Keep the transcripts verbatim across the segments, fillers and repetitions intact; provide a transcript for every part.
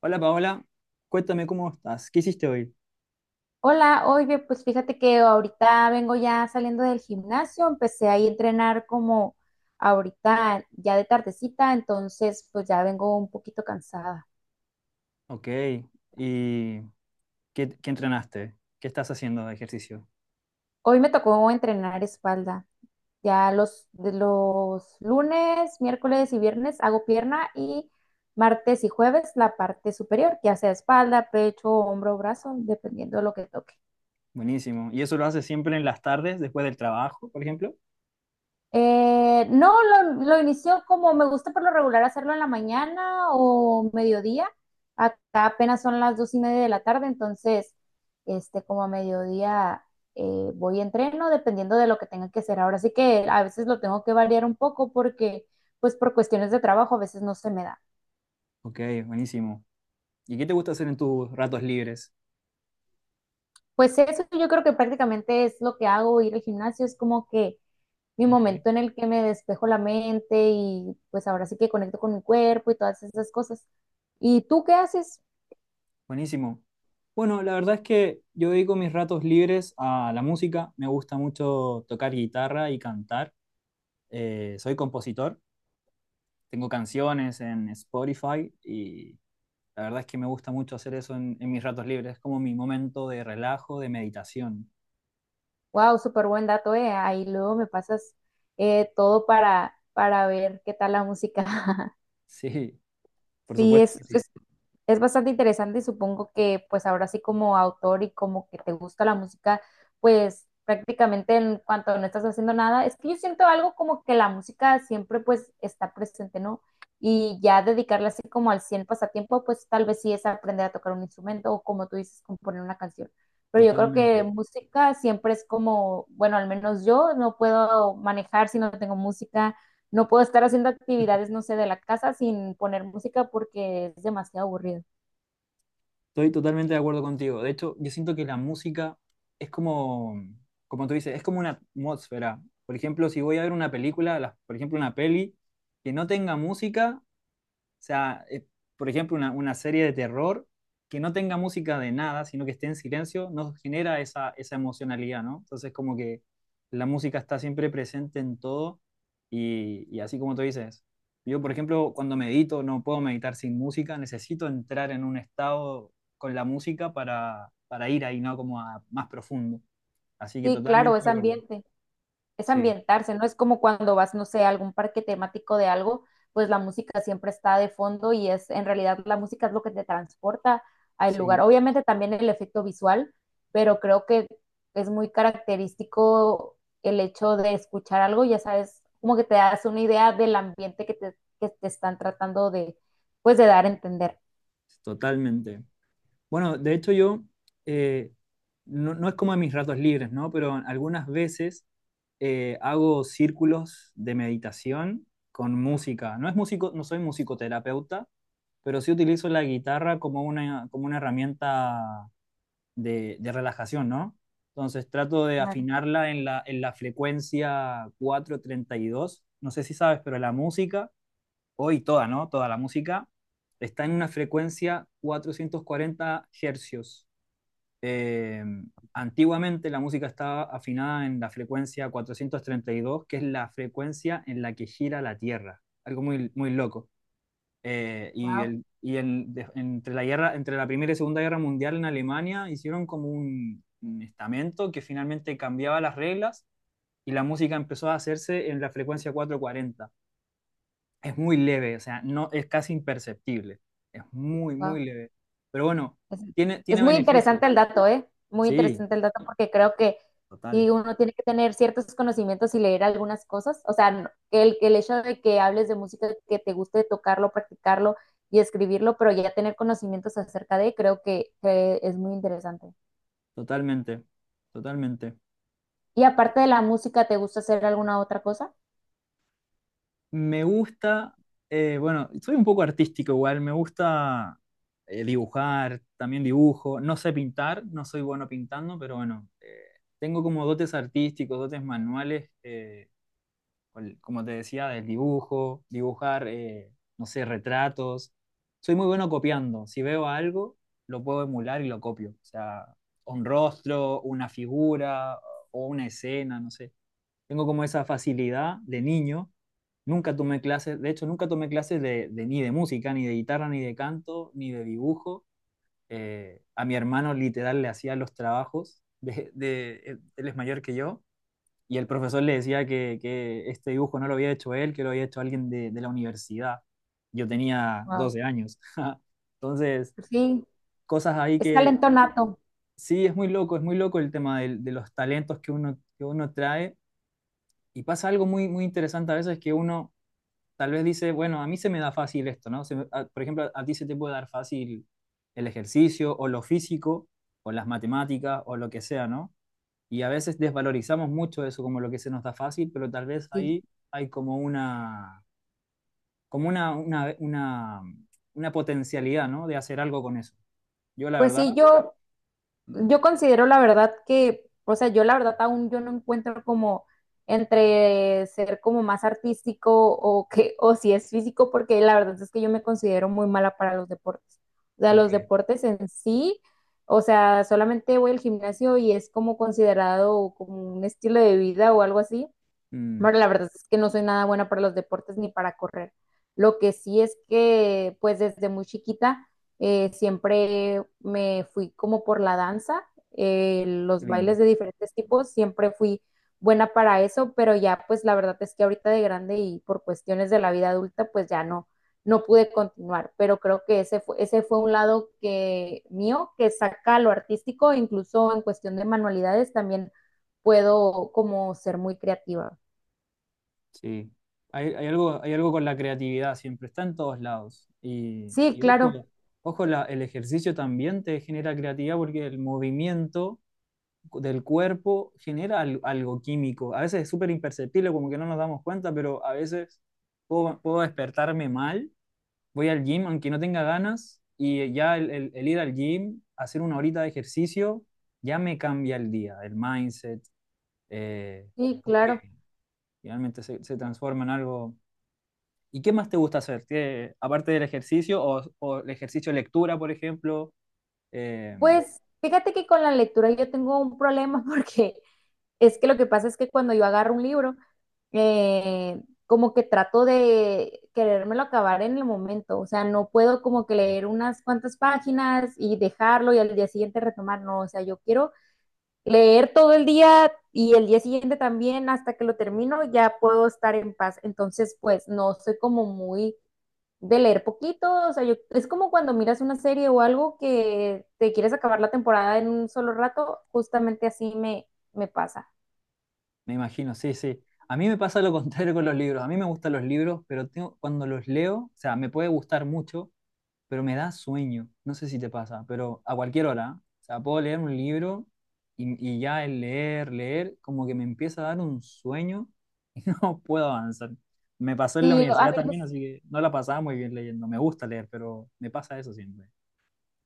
Hola Paola, cuéntame cómo estás. ¿Qué hiciste hoy? Hola, oye, pues fíjate que ahorita vengo ya saliendo del gimnasio, empecé ahí a entrenar como ahorita ya de tardecita, entonces pues ya vengo un poquito cansada. Ok, ¿y qué, qué entrenaste? ¿Qué estás haciendo de ejercicio? Hoy me tocó entrenar espalda. Ya los, de los lunes, miércoles y viernes hago pierna y martes y jueves la parte superior, ya sea espalda, pecho, hombro, brazo, dependiendo de lo que toque. Buenísimo. ¿Y eso lo haces siempre en las tardes, después del trabajo, por ejemplo? Eh, no, lo, lo inició como me gusta por lo regular hacerlo en la mañana o mediodía. Acá apenas son las dos y media de la tarde, entonces, este, como a mediodía eh, voy a entreno dependiendo de lo que tenga que hacer. Ahora sí que a veces lo tengo que variar un poco porque, pues, por cuestiones de trabajo a veces no se me da. Ok, buenísimo. ¿Y qué te gusta hacer en tus ratos libres? Pues eso yo creo que prácticamente es lo que hago, ir al gimnasio, es como que mi Ok, momento en el que me despejo la mente y pues ahora sí que conecto con mi cuerpo y todas esas cosas. ¿Y tú qué haces? buenísimo. Bueno, la verdad es que yo dedico mis ratos libres a la música. Me gusta mucho tocar guitarra y cantar. Eh, soy compositor. Tengo canciones en Spotify y la verdad es que me gusta mucho hacer eso en, en mis ratos libres. Es como mi momento de relajo, de meditación. Wow, súper buen dato, eh. Ahí luego me pasas eh, todo para, para ver qué tal la música. Sí, por Sí, supuesto es que sí. es Es bastante interesante y supongo que pues ahora sí como autor y como que te gusta la música, pues prácticamente en cuanto no estás haciendo nada, es que yo siento algo como que la música siempre pues está presente, ¿no? Y ya dedicarle así como al cien pasatiempo, pues tal vez sí es aprender a tocar un instrumento o como tú dices, componer una canción. Pero yo creo que Totalmente. música siempre es como, bueno, al menos yo no puedo manejar si no tengo música, no puedo estar haciendo actividades, no sé, de la casa sin poner música porque es demasiado aburrido. Estoy totalmente de acuerdo contigo. De hecho, yo siento que la música es como, como tú dices, es como una atmósfera. Por ejemplo, si voy a ver una película, las- por ejemplo, una peli que no tenga música. O sea, eh, por ejemplo, una, una serie de terror que no tenga música de nada, sino que esté en silencio, nos genera esa, esa emocionalidad, ¿no? Entonces, como que la música está siempre presente en todo y, y así como tú dices, yo, por ejemplo, cuando medito, no puedo meditar sin música, necesito entrar en un estado con la música para, para ir ahí, ¿no? Como a más profundo. Así que Sí, totalmente claro, es de acuerdo. ambiente, es Sí, ambientarse, ¿no? Es como cuando vas, no sé, a algún parque temático de algo, pues la música siempre está de fondo y es, en realidad la música es lo que te transporta al sí, lugar. Obviamente también el efecto visual, pero creo que es muy característico el hecho de escuchar algo, ya sabes, como que te das una idea del ambiente que te, que te están tratando de, pues de dar a entender. totalmente. Bueno, de hecho yo, eh, no, no es como en mis ratos libres, ¿no? Pero algunas veces eh, hago círculos de meditación con música. No es músico, no soy musicoterapeuta, pero sí utilizo la guitarra como una, como una herramienta de, de relajación, ¿no? Entonces trato de Claro. afinarla en la, en la frecuencia cuatrocientos treinta y dos. No sé si sabes, pero la música hoy toda, ¿no? Toda la música está en una frecuencia cuatrocientos cuarenta hercios. Eh, Antiguamente la música estaba afinada en la frecuencia cuatrocientos treinta y dos, que es la frecuencia en la que gira la Tierra. Algo muy, muy loco. Eh, y el, y el, de- entre, la guerra, entre la Primera y Segunda Guerra Mundial en Alemania hicieron como un, un estamento que finalmente cambiaba las reglas y la música empezó a hacerse en la frecuencia cuatrocientos cuarenta. Es muy leve, o sea, no, es casi imperceptible, es muy, Wow, muy leve. Pero bueno, Es, tiene, es tiene muy interesante beneficios. el dato, ¿eh? Muy Sí, interesante el dato porque creo que total, sí, uno tiene que tener ciertos conocimientos y leer algunas cosas. O sea, no- el, el hecho de que hables de música, que te guste tocarlo, practicarlo y escribirlo, pero ya tener conocimientos acerca de, creo que, que es muy interesante. totalmente, totalmente. Y aparte de la música, ¿te gusta hacer alguna otra cosa? Me gusta, eh, bueno, soy un poco artístico igual, me gusta eh, dibujar, también dibujo, no sé pintar, no soy bueno pintando, pero bueno, eh, tengo como dotes artísticos, dotes manuales. Eh, con- como te decía, del dibujo, dibujar, eh, no sé, retratos. Soy muy bueno copiando. Si veo algo, lo puedo emular y lo copio. O sea, un rostro, una figura o una escena, no sé. Tengo como esa facilidad de niño. Nunca tomé clases, de hecho, nunca tomé clases de, de- ni de música, ni de guitarra, ni de canto, ni de dibujo. Eh, a mi hermano literal le hacía los trabajos. De, de- él él es mayor que yo y el profesor le decía que, que este dibujo no lo había hecho él, que lo había hecho alguien de, de la universidad. Yo tenía Wow. doce años. Entonces, Sí, cosas ahí es que talento nato. sí, es muy loco, es muy loco el tema del- de, los talentos que uno, que uno trae. Y pasa algo muy, muy interesante a veces que uno tal vez dice, bueno, a mí se me da fácil esto, ¿no? Se me- a- por ejemplo, a ti se te puede dar fácil el ejercicio o lo físico o las matemáticas o lo que sea, ¿no? Y a veces desvalorizamos mucho eso como lo que se nos da fácil, pero tal vez Sí. ahí hay como una, como una, una, una, una potencialidad, ¿no? De hacer algo con eso. Yo la Pues verdad, sí, yo Mm, Yo considero la verdad que, o sea, yo la verdad aún yo no encuentro como entre ser como más artístico o que, o si es físico, porque la verdad es que yo me considero muy mala para los deportes. O sea, los ok, deportes en sí, o sea, solamente voy al gimnasio y es como considerado como un estilo de vida o algo así. mm, Bueno, la verdad es que no soy nada buena para los deportes ni para correr. Lo que sí es que, pues desde muy chiquita, eh, siempre me fui como por la danza, eh, qué los bailes lindo, de diferentes tipos, siempre fui buena para eso, pero ya, pues la verdad es que ahorita de grande y por cuestiones de la vida adulta, pues ya no, no pude continuar. Pero creo que ese fue, ese fue un lado que mío, que saca lo artístico, incluso en cuestión de manualidades, también puedo como ser muy creativa. sí. Hay, hay algo, hay algo con la creatividad, siempre está en todos lados. Y, Sí, y claro, ojo, ojo la- el ejercicio también te genera creatividad porque el movimiento del cuerpo genera al- algo químico. A veces es súper imperceptible, como que no nos damos cuenta, pero a veces puedo, puedo despertarme mal, voy al gym aunque no tenga ganas y ya el, el- el ir al gym, hacer una horita de ejercicio, ya me cambia el día, el mindset, eh, sí, que claro. realmente se, se transforma en algo. ¿Y qué más te gusta hacer? ¿Qué- ¿aparte del ejercicio o, o el ejercicio de lectura, por ejemplo? eh, Pues fíjate que con la lectura yo tengo un problema porque es que lo que pasa es que cuando yo agarro un libro, eh, como que trato de querérmelo acabar en el momento, o sea, no puedo como que leer unas cuantas páginas y dejarlo y al día siguiente retomar, no, o sea, yo quiero leer todo el día y el día siguiente también hasta que lo termino ya puedo estar en paz, entonces pues no soy como muy de leer poquito, o sea, yo, es como cuando miras una serie o algo que te quieres acabar la temporada en un solo rato, justamente así me, me pasa. Me imagino, sí, sí. A mí me pasa lo contrario con los libros. A mí me gustan los libros, pero tengo, cuando los leo, o sea, me puede gustar mucho, pero me da sueño. No sé si te pasa, pero a cualquier hora. ¿Eh? O sea, puedo leer un libro y, y ya el leer, leer, como que me empieza a dar un sueño y no puedo avanzar. Me pasó en la Sí, lo- a universidad mí lo- también, así que no la pasaba muy bien leyendo. Me gusta leer, pero me pasa eso siempre.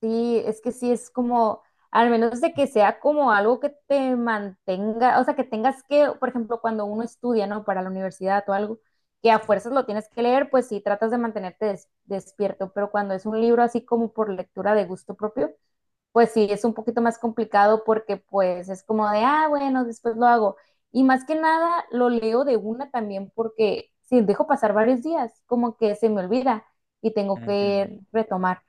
sí, es que sí es como, al menos de que sea como algo que te mantenga, o sea, que tengas que, por ejemplo, cuando uno estudia, ¿no? Para la universidad o algo, que a Sí, fuerzas lo tienes que leer, pues sí, tratas de mantenerte des- despierto, pero cuando es un libro así como por lectura de gusto propio, pues sí, es un poquito más complicado porque pues es como de, ah, bueno, después lo hago. Y más que nada lo leo de una también porque si dejo pasar varios días, como que se me olvida y tengo entiendo. que retomar.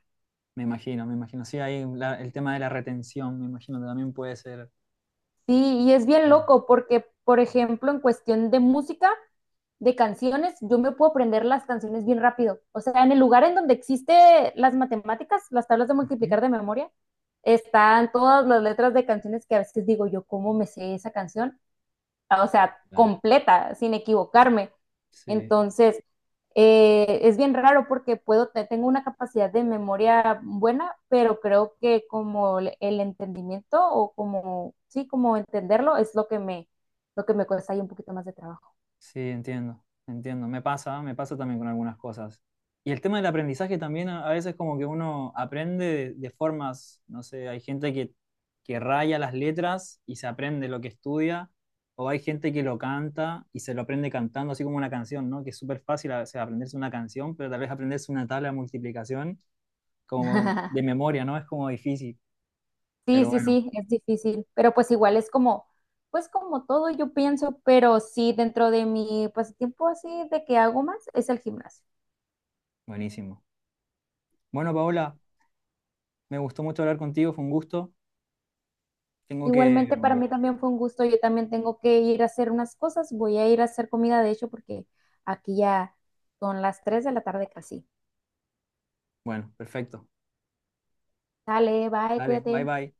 Me imagino, me imagino. Sí, ahí la- el tema de la retención, me imagino, que también puede ser. Sí, y es bien Sí. loco porque, por ejemplo, en cuestión de música, de canciones, yo me puedo aprender las canciones bien rápido. O sea, en el lugar en donde existe las matemáticas, las tablas de Ujú. multiplicar de memoria, están todas las letras de canciones que a veces digo yo, ¿cómo me sé esa canción? O sea, Total. completa, sin equivocarme. Sí, Entonces, eh, es bien raro porque puedo, te- tengo una capacidad de memoria buena, pero creo que como el el entendimiento o como, sí, como entenderlo es lo que me, lo que me, cuesta ahí un poquito más de trabajo. sí, entiendo, entiendo. Me pasa, me pasa también con algunas cosas. Y el tema del aprendizaje también a a veces como que uno aprende de, de formas, no sé, hay gente que, que raya las letras y se aprende lo que estudia, o hay gente que lo canta y se lo aprende cantando, así como una canción, ¿no? Que es súper fácil a veces aprenderse una canción, pero tal vez aprenderse una tabla de multiplicación como de memoria, ¿no? Es como difícil, Sí, pero sí, bueno, sí, es difícil, pero pues igual es como, pues como todo yo pienso, pero sí, dentro de mi pasatiempo así de que hago más es el gimnasio. buenísimo. Bueno, Paola, me gustó mucho hablar contigo, fue un gusto. Tengo que Igualmente para mí también fue un gusto, yo también tengo que ir a hacer unas cosas, voy a ir a hacer comida de hecho porque aquí ya son las tres de la tarde casi. bueno, perfecto. Dale, bye, Dale, bye cuídate. bye.